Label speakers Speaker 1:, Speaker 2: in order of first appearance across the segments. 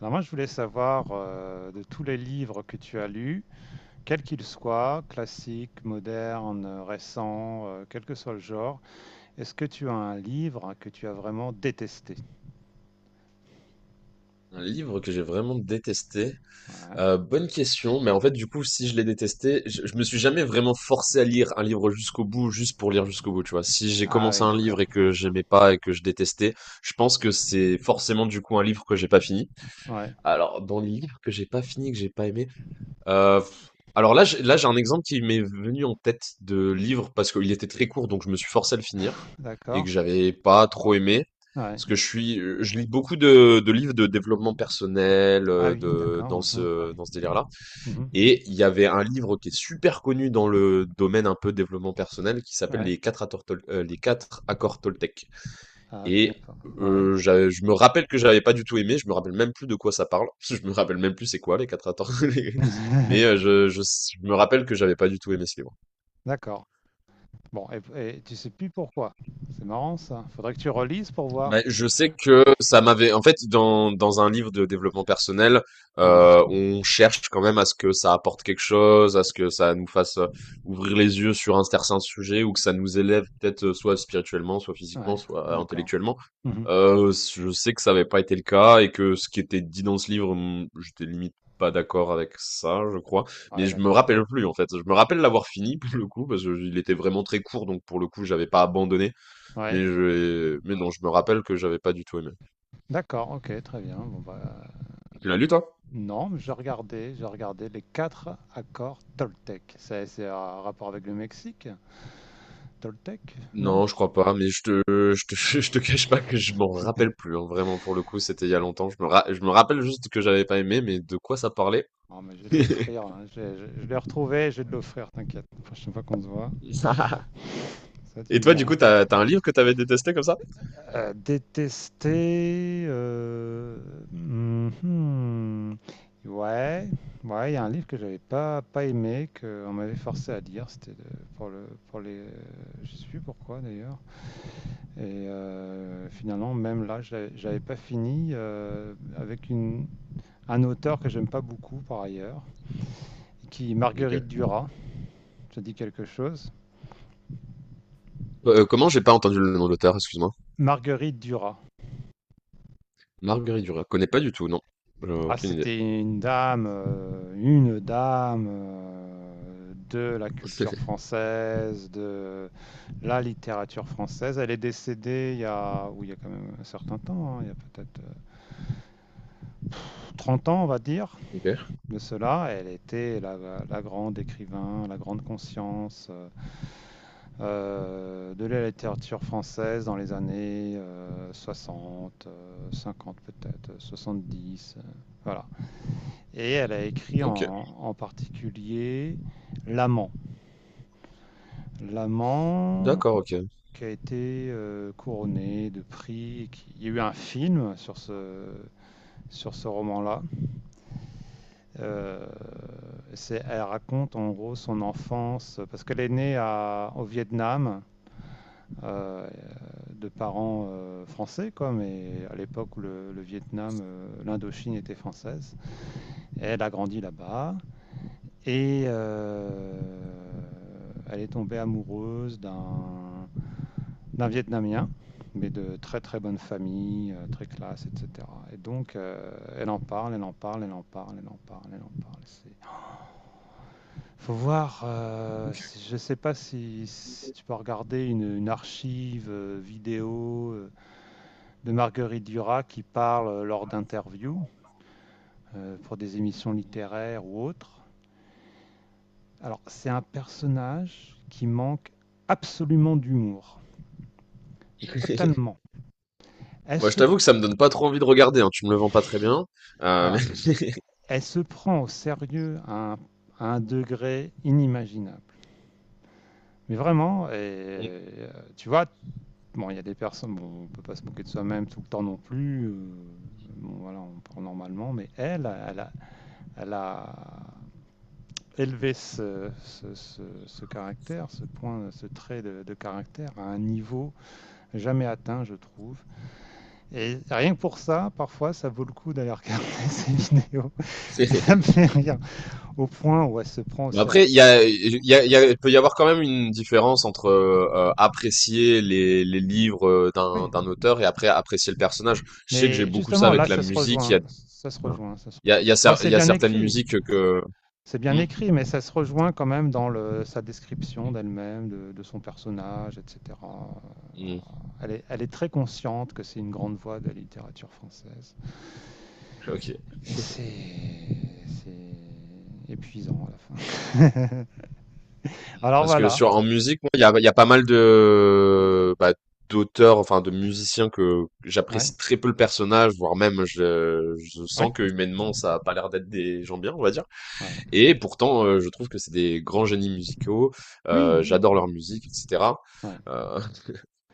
Speaker 1: Alors moi, je voulais savoir de tous les livres que tu as lus, quels qu'ils soient, classiques, modernes, récents, quel que soit le genre, est-ce que tu as un livre que tu as vraiment détesté?
Speaker 2: Un livre que j'ai vraiment détesté.
Speaker 1: Ouais.
Speaker 2: Bonne question, mais en fait, du coup, si je l'ai détesté, je me suis jamais vraiment forcé à lire un livre jusqu'au bout, juste pour lire jusqu'au bout, tu vois. Si j'ai
Speaker 1: Ah
Speaker 2: commencé
Speaker 1: oui,
Speaker 2: un
Speaker 1: d'accord.
Speaker 2: livre et que j'aimais pas et que je détestais, je pense que c'est forcément du coup un livre que j'ai pas fini.
Speaker 1: Ouais,
Speaker 2: Alors, dans les livres que j'ai pas fini, que j'ai pas aimé, euh, alors là, là, j'ai un exemple qui m'est venu en tête de livre parce qu'il était très court, donc je me suis forcé à le finir et
Speaker 1: d'accord.
Speaker 2: que j'avais pas trop aimé.
Speaker 1: Ouais.
Speaker 2: Parce que je suis, je lis beaucoup de livres de développement personnel,
Speaker 1: Ah oui,
Speaker 2: dans
Speaker 1: d'accord.
Speaker 2: ce, dans ce délire-là.
Speaker 1: Mhm, mhm.
Speaker 2: Et il y avait un livre qui est super connu dans le domaine un peu développement personnel qui s'appelle
Speaker 1: Ouais.
Speaker 2: Les quatre accords, Les quatre accords Toltec.
Speaker 1: Ah, je
Speaker 2: Et
Speaker 1: connais pas. Ouais.
Speaker 2: j'avais je me rappelle que j'avais pas du tout aimé, je me rappelle même plus de quoi ça parle. Je me rappelle même plus c'est quoi les quatre accords, mais je me rappelle que j'avais pas du tout aimé ce livre.
Speaker 1: D'accord. Bon, et tu sais plus pourquoi. C'est marrant ça. Faudrait que tu relises pour
Speaker 2: Bah,
Speaker 1: voir.
Speaker 2: je sais que ça m'avait, en fait, dans un livre de développement personnel,
Speaker 1: Ouais.
Speaker 2: on cherche quand même à ce que ça apporte quelque chose, à ce que ça nous fasse ouvrir les yeux sur un certain sujet ou que ça nous élève peut-être soit spirituellement, soit physiquement,
Speaker 1: Ouais.
Speaker 2: soit
Speaker 1: D'accord.
Speaker 2: intellectuellement.
Speaker 1: Mhm.
Speaker 2: Je sais que ça n'avait pas été le cas et que ce qui était dit dans ce livre, j'étais limite pas d'accord avec ça, je crois. Mais
Speaker 1: Ouais,
Speaker 2: je me
Speaker 1: d'accord.
Speaker 2: rappelle plus, en fait. Je me rappelle l'avoir fini, pour le coup, parce qu'il était vraiment très court, donc pour le coup, j'avais pas abandonné.
Speaker 1: Ouais.
Speaker 2: Mais mais non, je me rappelle que j'avais pas du tout aimé.
Speaker 1: D'accord, ok, très bien. Bon, bah,
Speaker 2: Tu l'as lu, toi?
Speaker 1: non, mais j'ai regardé les quatre accords Toltec. C'est un rapport avec le Mexique, Toltec, non?
Speaker 2: Non, je crois pas, mais je te, je te cache pas que je m'en rappelle plus, hein. Vraiment, pour le coup, c'était il y a longtemps. Je me rappelle juste que j'avais pas aimé, mais de quoi ça parlait?
Speaker 1: Non, mais j'ai de l'offrir, hein. Je l'ai retrouvé, j'ai de l'offrir, t'inquiète. La prochaine fois qu'on se voit, ça tu
Speaker 2: Et
Speaker 1: me
Speaker 2: toi, du
Speaker 1: diras.
Speaker 2: coup, t'as un livre que t'avais détesté comme ça?
Speaker 1: Détester, mhm. Ouais, ouais, il y a un livre que j'avais pas aimé, que on m'avait forcé à lire. C'était de- pour le pour les. Je sais plus pourquoi d'ailleurs. Et finalement, même là, j'avais pas fini avec un auteur que j'aime pas beaucoup par ailleurs, qui Marguerite
Speaker 2: OK.
Speaker 1: Duras. Ça dit quelque chose.
Speaker 2: Comment? J'ai pas entendu le nom de l'auteur, excuse-moi?
Speaker 1: Marguerite Duras.
Speaker 2: Marguerite Duras. Connais pas du tout, non. J'ai
Speaker 1: Ah,
Speaker 2: aucune idée.
Speaker 1: c'était une dame de la culture française, de la littérature française. Elle est décédée il y a, oui, il y a quand même un certain temps, hein, il y a peut-être 30 ans, on va dire.
Speaker 2: Ok.
Speaker 1: De cela. Elle était la grande écrivain, la grande conscience de la littérature française dans les années 60, 50 peut-être, 70. Voilà. Et elle a écrit
Speaker 2: OK.
Speaker 1: en particulier L'amant. L'amant
Speaker 2: D'accord, OK.
Speaker 1: qui a été couronné de prix. Il y a eu un film sur sur ce roman-là. Euh, c'est- elle raconte en gros son enfance, parce qu'elle est née au Vietnam, euh, de parents français, quoi, mais à l'époque où le Vietnam, l'Indochine était française. Elle a grandi là-bas et elle est tombée amoureuse d'un Vietnamien, mais de très très bonne famille, très classe, etc. Et donc elle en parle, elle en parle, elle en parle, elle en parle, elle en parle. C'est Faut voir, je sais pas si tu peux regarder une archive vidéo de Marguerite Duras qui parle lors d'interviews pour des émissions littéraires ou autres. Alors, c'est un personnage qui manque absolument d'humour, et totalement. Elle
Speaker 2: Moi, je
Speaker 1: se,
Speaker 2: t'avoue que ça me donne pas trop envie de regarder, hein. Tu me le vends pas très bien. Heu,
Speaker 1: voilà, elle se prend au sérieux à à un degré inimaginable. Mais vraiment,
Speaker 2: mais
Speaker 1: tu vois, bon, il y a des personnes, bon, on peut pas se moquer de soi-même tout le temps non plus. Bon, voilà, on prend normalement, mais elle, elle a élevé ce caractère, ce point, ce trait de caractère à un niveau jamais atteint, je trouve. Et rien que pour ça, parfois, ça vaut le coup d'aller regarder ces vidéos. Ça me fait rire au point où elle se prend au
Speaker 2: mais après,
Speaker 1: sérieux.
Speaker 2: il y a il y a il y a il peut y avoir quand même une différence entre, apprécier les livres, d'un
Speaker 1: Oui.
Speaker 2: d'un auteur et après apprécier le personnage. Je sais que j'ai
Speaker 1: Mais
Speaker 2: beaucoup ça
Speaker 1: justement,
Speaker 2: avec
Speaker 1: là,
Speaker 2: la musique. Il y a
Speaker 1: ça se
Speaker 2: il y a
Speaker 1: rejoint.
Speaker 2: il y a
Speaker 1: Bon,
Speaker 2: cer Il
Speaker 1: c'est
Speaker 2: y a
Speaker 1: bien
Speaker 2: certaines
Speaker 1: écrit.
Speaker 2: musiques que
Speaker 1: C'est bien
Speaker 2: mmh?
Speaker 1: écrit, mais ça se rejoint quand même dans le sa description d'elle-même, de son personnage, et cetera, voilà.
Speaker 2: Mmh.
Speaker 1: Elle est très consciente que c'est une grande voix de la littérature française
Speaker 2: OK.
Speaker 1: et c'est épuisant à la fin. Alors
Speaker 2: Parce que
Speaker 1: voilà.
Speaker 2: sur en musique, moi, il y a pas mal de bah, d'auteurs, enfin de musiciens que
Speaker 1: Ouais.
Speaker 2: j'apprécie très peu le personnage, voire même je
Speaker 1: Oui?
Speaker 2: sens que humainement ça a pas l'air d'être des gens bien, on va dire.
Speaker 1: Ouais.
Speaker 2: Et pourtant, je trouve que c'est des grands génies musicaux.
Speaker 1: Oui, oui,
Speaker 2: J'adore leur
Speaker 1: oui.
Speaker 2: musique, etc.
Speaker 1: Ouais.
Speaker 2: Euh,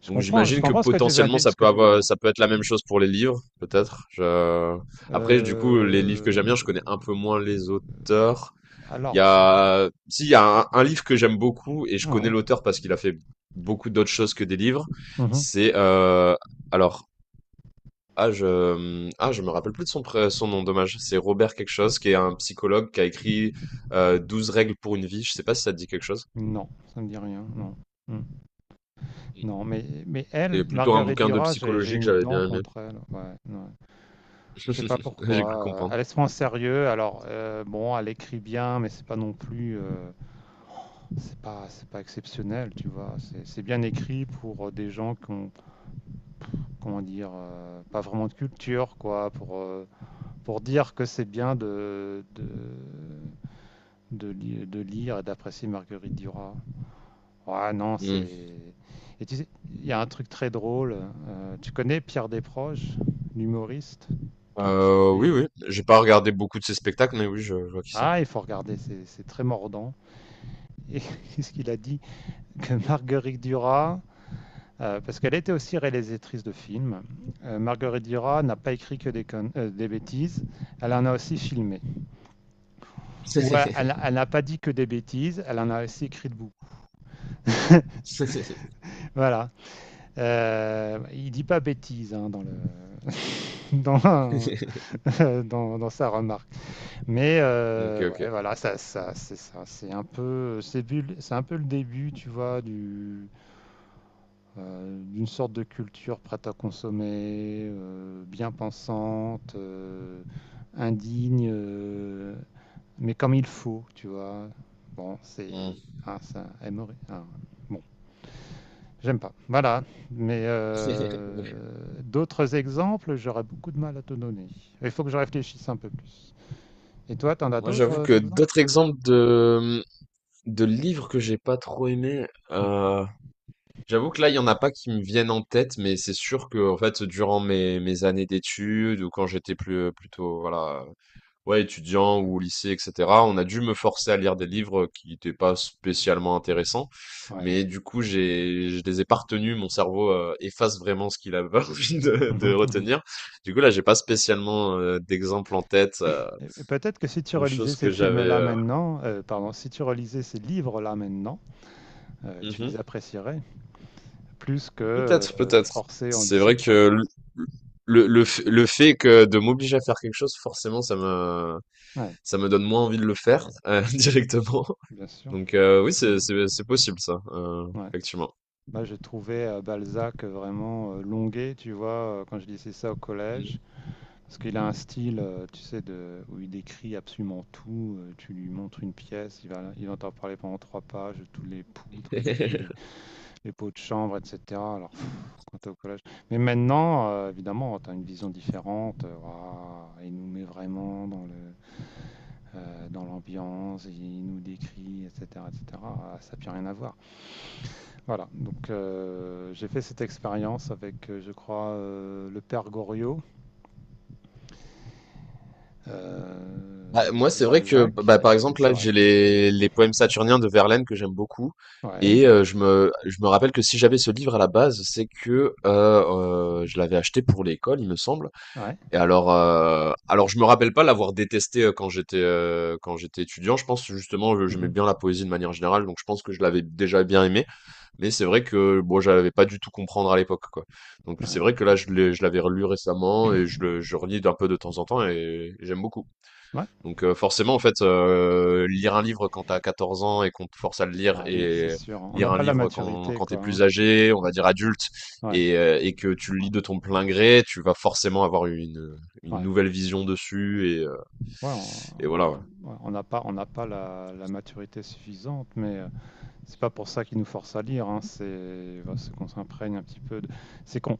Speaker 2: donc
Speaker 1: Je
Speaker 2: j'imagine que
Speaker 1: comprends ce que tu veux
Speaker 2: potentiellement
Speaker 1: di ce que tu veux dire.
Speaker 2: ça peut être la même chose pour les livres, peut-être. Après, du coup, les livres que
Speaker 1: Heu,
Speaker 2: j'aime bien, je connais un peu moins les auteurs. Il y
Speaker 1: alors,
Speaker 2: a, si, il y a un livre que j'aime beaucoup et je
Speaker 1: mmh
Speaker 2: connais
Speaker 1: mh.
Speaker 2: l'auteur parce qu'il a fait beaucoup d'autres choses que des livres.
Speaker 1: Mmh.
Speaker 2: C'est, euh, alors, je me rappelle plus de son, son nom, dommage. C'est Robert quelque chose, qui est un psychologue qui a écrit 12 règles pour une vie. Je sais pas si ça te dit quelque chose.
Speaker 1: Non, ça me dit rien, non. Mmh. Non, mais elle,
Speaker 2: Et plutôt un
Speaker 1: Marguerite
Speaker 2: bouquin de
Speaker 1: Duras, j'ai
Speaker 2: psychologie que
Speaker 1: une
Speaker 2: j'avais
Speaker 1: dent
Speaker 2: bien aimé.
Speaker 1: contre elle. Ouais, ouais. Je sais pas
Speaker 2: J'ai cru
Speaker 1: pourquoi.
Speaker 2: comprendre.
Speaker 1: Elle est souvent au sérieux. Alors, bon, elle écrit bien, mais c'est pas non plus. C'est pas exceptionnel, tu vois. C'est bien écrit pour des gens qui ont, comment dire, pas vraiment de culture, quoi. Pour dire que c'est bien de lire et d'apprécier Marguerite Duras. Ah non,
Speaker 2: Hmm.
Speaker 1: c'est. Et tu sais, il y a un truc très drôle. Tu connais Pierre Desproges, l'humoriste qui est
Speaker 2: Oui,
Speaker 1: décédé.
Speaker 2: oui. J'ai pas regardé beaucoup de ses spectacles, mais oui, je vois qui c'est.
Speaker 1: Ah, il faut regarder, c'est très mordant. Et qu'est-ce qu'il a dit? Que Marguerite Duras, parce qu'elle était aussi réalisatrice de films, Marguerite Duras n'a pas écrit que des bêtises, elle en a aussi filmé. Ou elle n'a pas dit que des bêtises, elle en a aussi écrit de beaucoup. Voilà. Il dit pas bêtises, hein, dans le dans dans sa remarque. Mais
Speaker 2: Ok, ok.
Speaker 1: ouais, voilà, c'est ça, c'est un peu, c'est un peu le début, tu vois, d'une sorte de culture prête à consommer, bien pensante, indigne, mais comme il faut, tu vois. Bon,
Speaker 2: Hmm.
Speaker 1: c'est, ah, ça, aimerait, ah, bon, j'aime pas. Voilà, mais d'autres exemples, j'aurais beaucoup de mal à te donner. Il faut que je réfléchisse un peu plus. Et toi, t'en as
Speaker 2: Moi,
Speaker 1: d'autres
Speaker 2: j'avoue que
Speaker 1: exemples?
Speaker 2: d'autres exemples de livres que j'ai pas trop aimés,
Speaker 1: Mhm.
Speaker 2: euh, j'avoue que là, il y en a pas qui me viennent en tête, mais c'est sûr que, en fait, durant mes années d'études ou quand j'étais plus, plutôt, voilà, ouais, étudiant ou au lycée, etc., on a dû me forcer à lire des livres qui n'étaient pas spécialement intéressants.
Speaker 1: Ouais.
Speaker 2: Mais du coup, je les ai pas retenus. Mon cerveau, efface vraiment ce qu'il avait envie de
Speaker 1: Mhm, mhm.
Speaker 2: retenir. Du coup, là, j'ai pas spécialement, d'exemple en tête,
Speaker 1: Et peut-être que si tu
Speaker 2: de
Speaker 1: relisais
Speaker 2: choses
Speaker 1: ces
Speaker 2: que
Speaker 1: films-là
Speaker 2: j'avais,
Speaker 1: maintenant, pardon, si tu relisais ces livres-là maintenant, tu
Speaker 2: euh,
Speaker 1: les apprécierais plus que
Speaker 2: Peut-être, peut-être.
Speaker 1: forcé en
Speaker 2: C'est vrai
Speaker 1: lycée, quoi.
Speaker 2: que le fait que de m'obliger à faire quelque chose, forcément, ça me,
Speaker 1: Ouais,
Speaker 2: ça me donne moins envie de le faire directement.
Speaker 1: bien sûr.
Speaker 2: Donc oui, c'est,
Speaker 1: Mhm.
Speaker 2: c'est, c'est possible ça,
Speaker 1: Ouais.
Speaker 2: effectivement.
Speaker 1: Moi, j'ai trouvé Balzac vraiment longué, tu vois, quand je lisais ça au
Speaker 2: Mm.
Speaker 1: collège, parce qu'il a un style, tu sais, où il décrit absolument tout. Tu lui montres une pièce, il entend parler pendant trois pages de tous les poutres et de tous les pots de chambre, etc. Alors, quand t'es au collège. Mais maintenant, évidemment, tu as une vision différente. Waouh, il nous met vraiment dans dans l'ambiance, il nous décrit, etc., etc. Ah, ça n'a plus rien à voir. Voilà. Donc, j'ai fait cette expérience avec, je crois, le père Goriot
Speaker 2: Bah, moi,
Speaker 1: de
Speaker 2: c'est vrai que,
Speaker 1: Balzac.
Speaker 2: bah, par
Speaker 1: Et
Speaker 2: exemple,
Speaker 1: c'est
Speaker 2: là,
Speaker 1: vrai,
Speaker 2: j'ai
Speaker 1: c'est bon.
Speaker 2: les poèmes saturniens de Verlaine que j'aime beaucoup.
Speaker 1: Ouais,
Speaker 2: Et je me rappelle que si j'avais ce livre à la base, c'est que je l'avais acheté pour l'école, il me semble.
Speaker 1: ouais,
Speaker 2: Et alors, je me rappelle pas l'avoir détesté quand j'étais étudiant. Je pense justement, j'aimais
Speaker 1: mhm,
Speaker 2: bien la poésie de manière générale, donc je pense que je l'avais déjà bien aimé. Mais c'est vrai que bon, j'avais pas du tout comprendre à l'époque, quoi. Donc c'est
Speaker 1: ouais,
Speaker 2: vrai que là, je l'avais relu récemment et je relis d'un peu de temps en temps et j'aime beaucoup.
Speaker 1: ouais.
Speaker 2: Donc forcément, en fait, lire un livre quand t'as 14 ans et qu'on te force à le lire
Speaker 1: Bah oui, c'est
Speaker 2: et
Speaker 1: sûr, hein. On n'a
Speaker 2: lire un
Speaker 1: pas la
Speaker 2: livre quand,
Speaker 1: maturité,
Speaker 2: quand t'es
Speaker 1: quoi, hein.
Speaker 2: plus âgé, on va dire adulte,
Speaker 1: Ouais,
Speaker 2: et que tu le lis de ton plein gré, tu vas forcément avoir une
Speaker 1: ouais.
Speaker 2: nouvelle vision dessus et, euh,
Speaker 1: Ouais,
Speaker 2: et voilà. Ouais.
Speaker 1: on n'a pas, la, la maturité suffisante, mais c'est pas pour ça qu'ils nous forcent à lire, hein, c'est voilà, c'est qu'on s'imprègne un petit peu c'est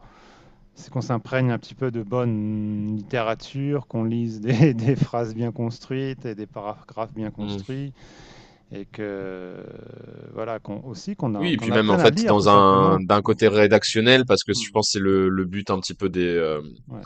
Speaker 1: c'est qu'on s'imprègne un petit peu de bonne littérature, qu'on lise des, des phrases bien construites et des paragraphes bien
Speaker 2: Mm.
Speaker 1: construits, et que voilà, qu'on aussi
Speaker 2: Oui, et
Speaker 1: qu'on
Speaker 2: puis même en
Speaker 1: apprenne à
Speaker 2: fait
Speaker 1: lire tout
Speaker 2: dans
Speaker 1: simplement.
Speaker 2: un d'un
Speaker 1: qu'on-
Speaker 2: côté rédactionnel parce que je
Speaker 1: Hmm,
Speaker 2: pense que c'est le but un petit peu
Speaker 1: Ouais.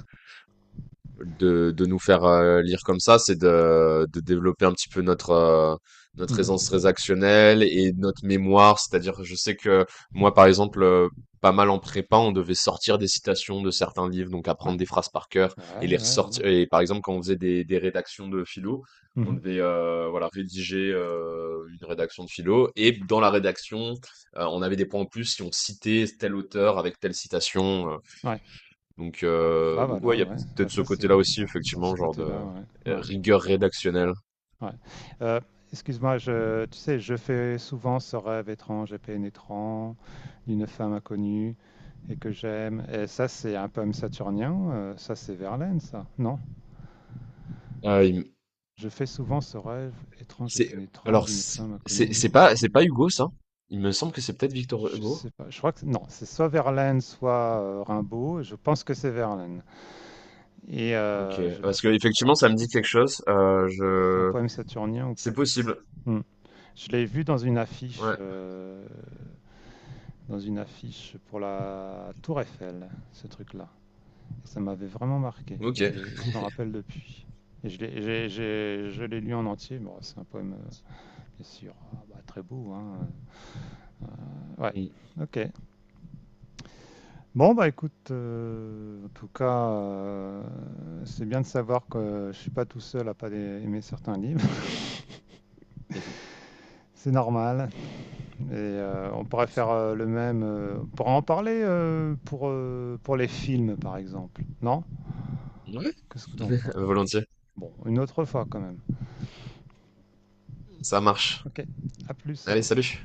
Speaker 2: de nous faire lire comme ça, c'est de développer un petit peu notre
Speaker 1: Mhm.
Speaker 2: aisance transactionnelle et notre mémoire. C'est-à-dire, je sais que moi, par exemple, pas mal en prépa, on devait sortir des citations de certains livres, donc
Speaker 1: Ouais.
Speaker 2: apprendre des phrases par cœur et les
Speaker 1: Ouais, ouais, voilà.
Speaker 2: ressortir. Et par exemple, quand on faisait des rédactions de philo, on
Speaker 1: Mhm.
Speaker 2: devait voilà, rédiger une rédaction de philo. Et dans la rédaction, on avait des points en plus si on citait tel auteur avec telle citation.
Speaker 1: Ouais.
Speaker 2: Donc,
Speaker 1: Bah
Speaker 2: ouais,
Speaker 1: voilà,
Speaker 2: il y a
Speaker 1: ouais.
Speaker 2: peut-être ce côté-là aussi,
Speaker 1: C'est ce
Speaker 2: effectivement, genre de
Speaker 1: côté-là, ouais. Ouais.
Speaker 2: rigueur rédactionnelle.
Speaker 1: Ouais. Euh, excuse-moi, tu sais, je fais souvent ce rêve étrange et pénétrant d'une femme inconnue et que j'aime. Et ça, c'est un poème saturnien. Ça, c'est Verlaine, ça. Non.
Speaker 2: Ah,
Speaker 1: Je fais souvent ce rêve étrange et
Speaker 2: c'est,
Speaker 1: pénétrant
Speaker 2: alors,
Speaker 1: d'une femme inconnue et que
Speaker 2: c'est
Speaker 1: j'aime.
Speaker 2: pas Hugo, ça? Il me semble que c'est peut-être Victor
Speaker 1: Je
Speaker 2: Hugo.
Speaker 1: sais pas. Je crois que c'est- non. C'est soit Verlaine, soit Rimbaud. Je pense que c'est Verlaine. Et
Speaker 2: Ok, parce que effectivement,
Speaker 1: je
Speaker 2: ça me
Speaker 1: sais pas
Speaker 2: dit
Speaker 1: si
Speaker 2: quelque
Speaker 1: ça-
Speaker 2: chose.
Speaker 1: c'est un poème saturnien ou pas.
Speaker 2: C'est
Speaker 1: Je sais
Speaker 2: possible.
Speaker 1: pas. Hmm. Je l'ai vu dans une affiche.
Speaker 2: Ouais.
Speaker 1: Dans une affiche pour la Tour Eiffel, ce truc-là. Ça m'avait vraiment marqué. Et
Speaker 2: Ok.
Speaker 1: je me rappelle depuis. Et je l'ai lu en entier. Bon, c'est un poème, bien sûr, ah, bah, très beau, hein. Ouais,
Speaker 2: Mm.
Speaker 1: ok. Bon, bah écoute, en tout cas, c'est bien de savoir que je suis pas tout seul à pas aimer certains livres. C'est normal. Et on pourrait faire le même. On pourrait en parler pour les films, par exemple. Non?
Speaker 2: Ouais,
Speaker 1: Qu'est-ce que tu en penses?
Speaker 2: volontiers.
Speaker 1: Bon, une autre fois quand même.
Speaker 2: Ça marche.
Speaker 1: Ok, à plus
Speaker 2: Allez,
Speaker 1: alors.
Speaker 2: salut.